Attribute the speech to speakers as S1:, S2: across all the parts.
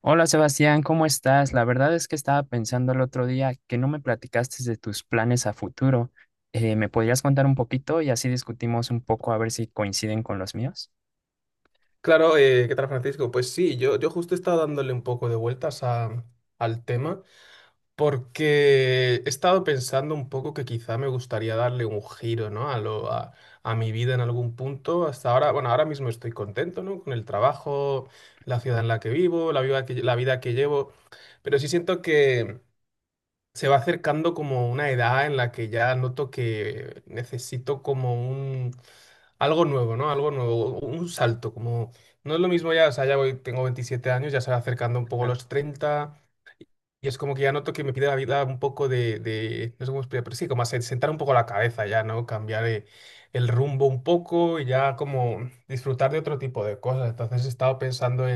S1: Hola Sebastián, ¿cómo estás? La verdad es que estaba pensando el otro día que no me platicaste de tus planes a futuro. ¿me podrías contar un poquito y así discutimos un poco a ver si coinciden con los míos?
S2: Claro, ¿qué tal, Francisco? Pues sí, yo justo he estado dándole un poco de vueltas al tema porque he estado pensando un poco que quizá me gustaría darle un giro, ¿no? A mi vida en algún punto. Hasta ahora, bueno, ahora mismo estoy contento, ¿no? Con el trabajo, la ciudad en la que vivo, la vida que llevo, pero sí siento, se va acercando como una edad en la que ya noto que necesito como un algo nuevo, ¿no? Algo nuevo, un salto, como no es lo mismo ya, o sea, ya voy, tengo 27 años, ya se va acercando un poco
S1: Ah,
S2: los 30 y es como que ya noto que me pide la vida un poco no sé cómo explicar, pero sí, como sentar un poco la cabeza ya, ¿no? Cambiar el rumbo un poco y ya como disfrutar de otro tipo de cosas. Entonces he estado pensando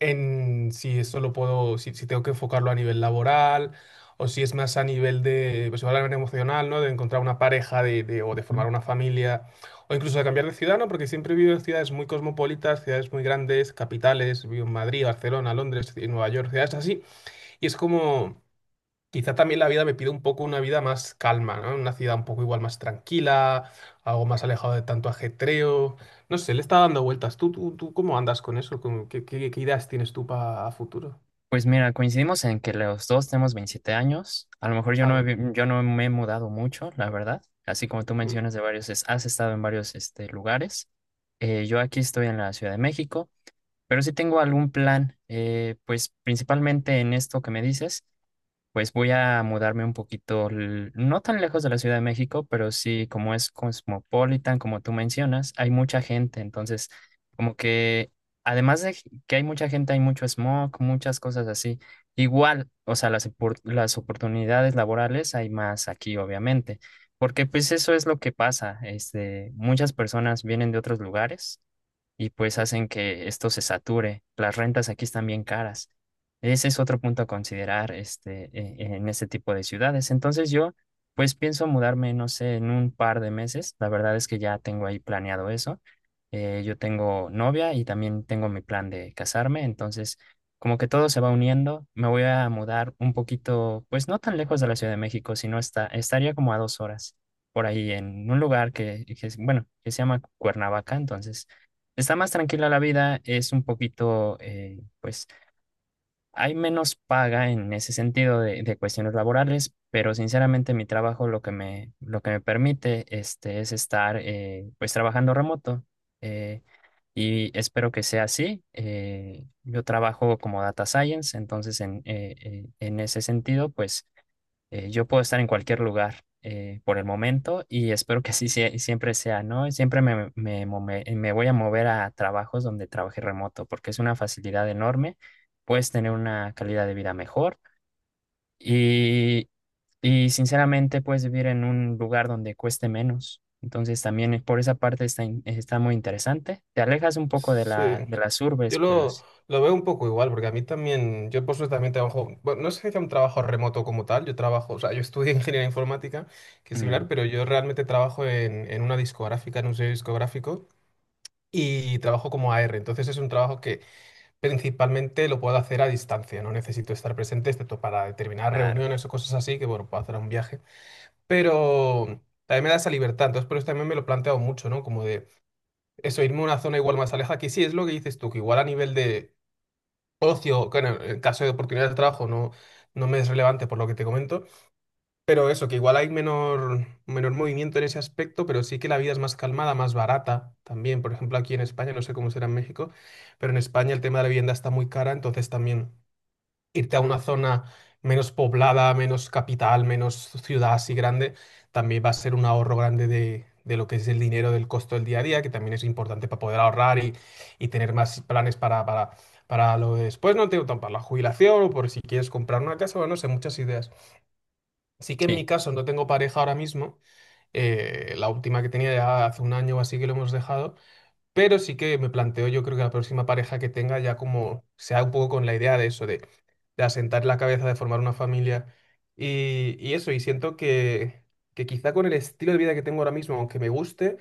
S2: en si eso lo puedo, si tengo que enfocarlo a nivel laboral o si es más a nivel de, pues, igual a nivel emocional, ¿no? De encontrar una pareja o de
S1: ujú.
S2: formar una familia o incluso de cambiar de ciudad, ¿no? Porque siempre he vivido en ciudades muy cosmopolitas, ciudades muy grandes, capitales, vivo en Madrid, Barcelona, Londres, y Nueva York, ciudades así. Y es como, quizá también la vida me pide un poco una vida más calma, ¿no? Una ciudad un poco igual más tranquila, algo más alejado de tanto ajetreo. No sé, le está dando vueltas. ¿Tú cómo andas con eso? ¿Qué ideas tienes tú para futuro?
S1: Pues mira, coincidimos en que los dos tenemos 27 años. A lo mejor
S2: Ah, bueno.
S1: yo no me he mudado mucho, la verdad. Así como tú
S2: Mm.
S1: mencionas de varios, has estado en varios este, lugares. Yo aquí estoy en la Ciudad de México, pero sí tengo algún plan, pues principalmente en esto que me dices. Pues voy a mudarme un poquito, no tan lejos de la Ciudad de México, pero sí, como es cosmopolitan, como tú mencionas, hay mucha gente. Entonces como que, además de que hay mucha gente, hay mucho smog, muchas cosas así. Igual, o sea, las oportunidades laborales hay más aquí, obviamente, porque pues eso es lo que pasa. Este, muchas personas vienen de otros lugares y pues hacen que esto se sature. Las rentas aquí están bien caras. Ese es otro punto a considerar este, en este tipo de ciudades. Entonces yo pues pienso mudarme, no sé, en un par de meses. La verdad es que ya tengo ahí planeado eso. Yo tengo novia y también tengo mi plan de casarme. Entonces como que todo se va uniendo. Me voy a mudar un poquito, pues no tan lejos de la Ciudad de México, sino estaría como a 2 horas por ahí en un lugar bueno, que se llama Cuernavaca. Entonces está más tranquila la vida, es un poquito, pues hay menos paga en ese sentido de cuestiones laborales, pero sinceramente mi trabajo lo que me permite este, es estar pues trabajando remoto eh, y espero que sea así. Eh, yo trabajo como data science, entonces en ese sentido, pues yo puedo estar en cualquier lugar por el momento y espero que siempre sea, ¿no? Siempre me voy a mover a trabajos donde trabaje remoto porque es una facilidad enorme, puedes tener una calidad de vida mejor y, y sinceramente puedes vivir en un lugar donde cueste menos. Entonces también por esa parte está, está muy interesante. Te alejas un poco de
S2: Sí,
S1: de las urbes,
S2: yo
S1: pero
S2: lo,
S1: sí.
S2: lo veo un poco igual, porque a mí también, yo por suerte también trabajo, bueno, no sé si sea un trabajo remoto como tal, yo trabajo, o sea, yo estudié ingeniería informática, que es
S1: Mm,
S2: similar, pero yo realmente trabajo en una discográfica, en un sello discográfico, y trabajo como AR, entonces es un trabajo que principalmente lo puedo hacer a distancia, no necesito estar presente, excepto para determinadas
S1: claro,
S2: reuniones o cosas así, que bueno, puedo hacer un viaje. Pero también me da esa libertad, entonces por eso también me lo he planteado mucho, ¿no? Como de eso, irme a una zona igual más alejada, que sí es lo que dices tú, que igual a nivel de ocio, que en el en caso de oportunidades de trabajo no, no me es relevante por lo que te comento, pero eso, que igual hay menor, menor movimiento en ese aspecto, pero sí que la vida es más calmada, más barata también. Por ejemplo, aquí en España, no sé cómo será en México, pero en España el tema de la vivienda está muy cara, entonces también irte a una zona menos poblada, menos capital, menos ciudad así grande, también va a ser un ahorro grande de lo que es el dinero del costo del día a día, que también es importante para poder ahorrar y tener más planes para lo de después, ¿no? Tengo tan para la jubilación o por si quieres comprar una casa, o no sé, muchas ideas. Sí que en mi
S1: sí.
S2: caso no tengo pareja ahora mismo, la última que tenía ya hace un año o así que lo hemos dejado. Pero sí que me planteo, yo creo que la próxima pareja que tenga ya como sea un poco con la idea de eso, de asentar la cabeza, de formar una familia y eso. Y siento que quizá con el estilo de vida que tengo ahora mismo, aunque me guste,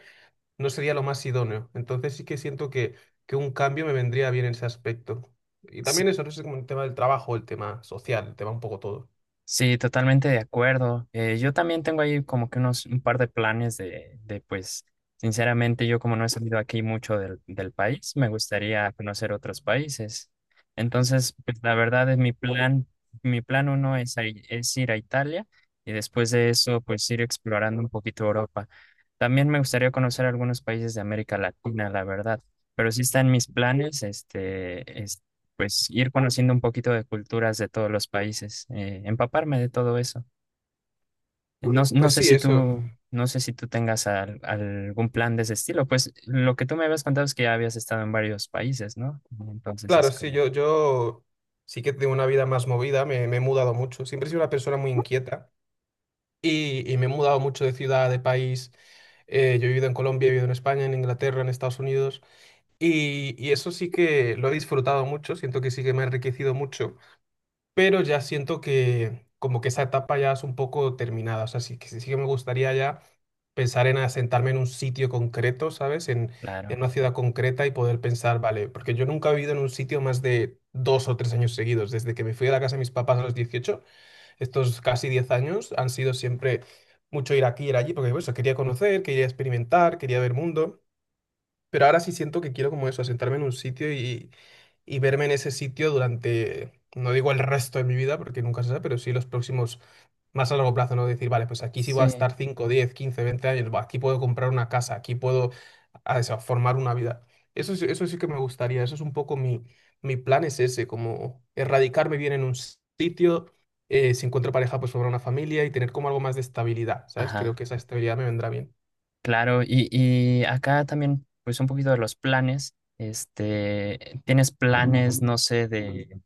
S2: no sería lo más idóneo. Entonces sí que siento que un cambio me vendría bien en ese aspecto. Y también eso, no sé, como el tema del trabajo, el tema social, el tema un poco todo.
S1: Sí, totalmente de acuerdo. Yo también tengo ahí como que unos un par de planes de pues, sinceramente, yo como no he salido aquí mucho del país, me gustaría conocer otros países. Entonces, pues, la verdad es mi plan uno es ir a Italia y después de eso, pues ir explorando un poquito Europa. También me gustaría conocer algunos países de América Latina, la verdad. Pero sí están mis planes, este, pues ir conociendo un poquito de culturas de todos los países, empaparme de todo eso.
S2: Pues sí, eso.
S1: No sé si tú tengas algún plan de ese estilo, pues lo que tú me habías contado es que ya habías estado en varios países, ¿no? Entonces es
S2: Claro, sí,
S1: como,
S2: yo sí que tengo una vida más movida, me he mudado mucho. Siempre he sido una persona muy inquieta. Y, y me he mudado mucho de ciudad, de país. Yo he vivido en Colombia, he vivido en España, en Inglaterra, en Estados Unidos. Y eso sí que lo he disfrutado mucho, siento que sí que me ha enriquecido mucho, pero ya siento que como que esa etapa ya es un poco terminada, o sea, sí que me gustaría ya pensar en asentarme en un sitio concreto, ¿sabes?
S1: claro.
S2: En una ciudad concreta y poder pensar, vale, porque yo nunca he vivido en un sitio más de dos o tres años seguidos, desde que me fui a la casa de mis papás a los 18, estos casi 10 años han sido siempre mucho ir aquí, ir allí, porque pues, quería conocer, quería experimentar, quería ver mundo. Pero ahora sí siento que quiero como eso, sentarme en un sitio y verme en ese sitio durante, no digo el resto de mi vida, porque nunca se sabe, pero sí los próximos, más a largo plazo, ¿no? Decir, vale, pues aquí sí voy a
S1: Sí,
S2: estar 5, 10, 15, 20 años, buah, aquí puedo comprar una casa, aquí puedo a eso, formar una vida. Eso, eso sí que me gustaría, eso es un poco mi, mi plan, es ese, como erradicarme bien en un sitio, si encuentro pareja, pues formar una familia y tener como algo más de estabilidad, ¿sabes? Creo
S1: ajá,
S2: que esa estabilidad me vendrá bien.
S1: claro. Y acá también, pues un poquito de los planes, este, ¿tienes planes, no sé, de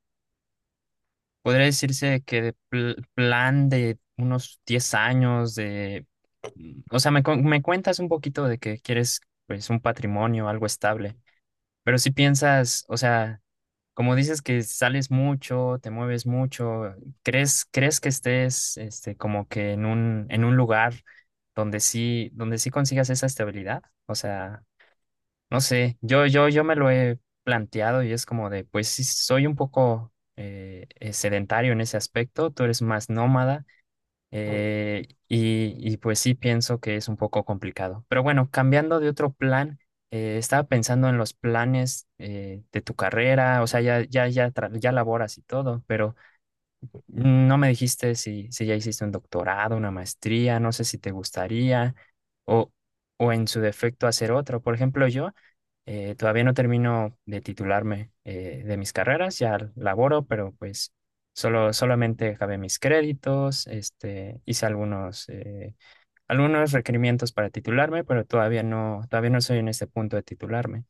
S1: podría decirse que de plan de unos 10 años de... Mm, o sea, me cuentas un poquito de que quieres pues un patrimonio, algo estable, pero si piensas, o sea, como dices que sales mucho, te mueves mucho, ¿crees que estés este, como que en un lugar donde sí consigas esa estabilidad? O sea, no sé, yo me lo he planteado y es como de, pues sí, soy un poco sedentario en ese aspecto, tú eres más nómada y pues sí pienso que es un poco complicado. Pero bueno, cambiando de otro plan, estaba pensando en los planes de tu carrera, o sea, ya laboras y todo, pero no me dijiste si ya hiciste un doctorado, una maestría, no sé si te gustaría o, o en su defecto hacer otro. Por ejemplo, yo. Todavía no termino de titularme de mis carreras, ya laboro, pero pues solamente acabé mis créditos, este, hice algunos, algunos requerimientos para titularme, pero todavía no soy en este punto de titularme.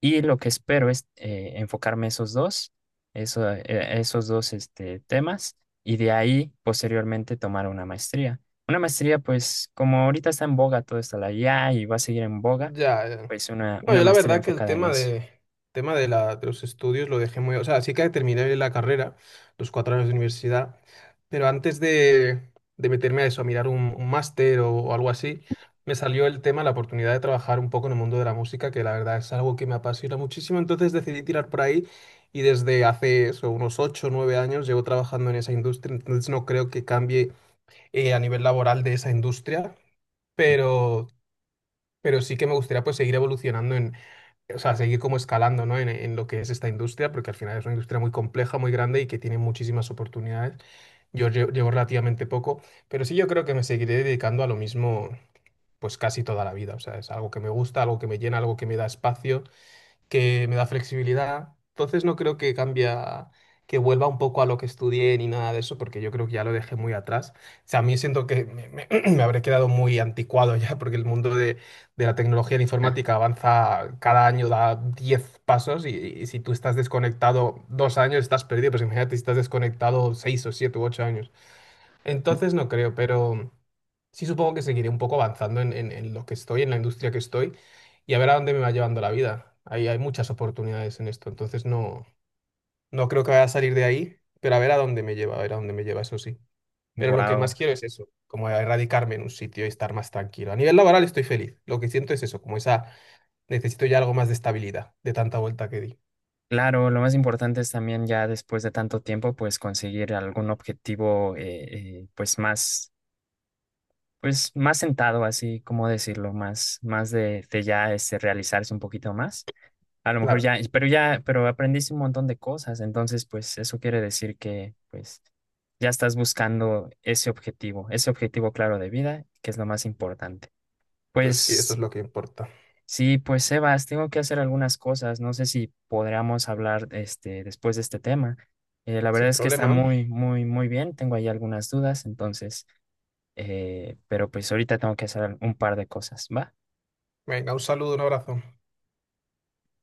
S1: Y lo que espero es enfocarme esos dos, eso, esos dos este, temas, y de ahí posteriormente tomar una maestría. Una maestría, pues como ahorita está en boga todo está la IA y va a seguir en boga,
S2: Ya, ya.
S1: pues
S2: No,
S1: una
S2: yo la
S1: maestría
S2: verdad que el
S1: enfocada en eso.
S2: tema de la, de los estudios lo dejé muy, o sea, sí que terminé la carrera, los 4 años de universidad, pero antes de meterme a eso, a mirar un máster o algo así, me salió el tema, la oportunidad de trabajar un poco en el mundo de la música, que la verdad es algo que me apasiona muchísimo, entonces decidí tirar por ahí y desde hace eso, unos 8 o 9 años llevo trabajando en esa industria, entonces no creo que cambie a nivel laboral de esa industria. Pero pero sí que me gustaría pues seguir evolucionando en, o sea, seguir como escalando, ¿no? En lo que es esta industria, porque al final es una industria muy compleja, muy grande y que tiene muchísimas oportunidades. Yo llevo relativamente poco, pero sí yo creo que me seguiré dedicando a lo mismo pues casi toda la vida. O sea, es algo que me gusta, algo que me llena, algo que me da espacio, que me da flexibilidad. Entonces no creo que cambia, que vuelva un poco a lo que estudié ni nada de eso, porque yo creo que ya lo dejé muy atrás. O sea, a mí siento que me habré quedado muy anticuado ya, porque el mundo de la tecnología y la informática avanza cada año, da 10 pasos y si tú estás desconectado dos años, estás perdido. Pues imagínate si estás desconectado 6 o 7 u 8 años. Entonces no creo, pero sí supongo que seguiré un poco avanzando en, en lo que estoy, en la industria que estoy, y a ver a dónde me va llevando la vida. Ahí hay muchas oportunidades en esto, entonces no, no creo que vaya a salir de ahí, pero a ver a dónde me lleva, a ver a dónde me lleva, eso sí. Pero lo que
S1: Wow.
S2: más quiero es eso, como erradicarme en un sitio y estar más tranquilo. A nivel laboral estoy feliz, lo que siento es eso, como esa, necesito ya algo más de estabilidad, de tanta vuelta que di.
S1: Claro, lo más importante es también ya después de tanto tiempo, pues conseguir algún objetivo, pues más sentado, así como decirlo, más, de ya este, realizarse un poquito más. A lo mejor
S2: Claro,
S1: ya, pero aprendiste un montón de cosas, entonces pues eso quiere decir que pues ya estás buscando ese objetivo claro de vida, que es lo más importante.
S2: pues sí, eso
S1: Pues
S2: es lo que importa.
S1: sí, pues Sebas, tengo que hacer algunas cosas. No sé si podríamos hablar este, después de este tema. La verdad
S2: Sin
S1: es que está
S2: problema.
S1: muy bien. Tengo ahí algunas dudas, entonces, pero pues ahorita tengo que hacer un par de cosas, ¿va?
S2: Venga, un saludo, un abrazo.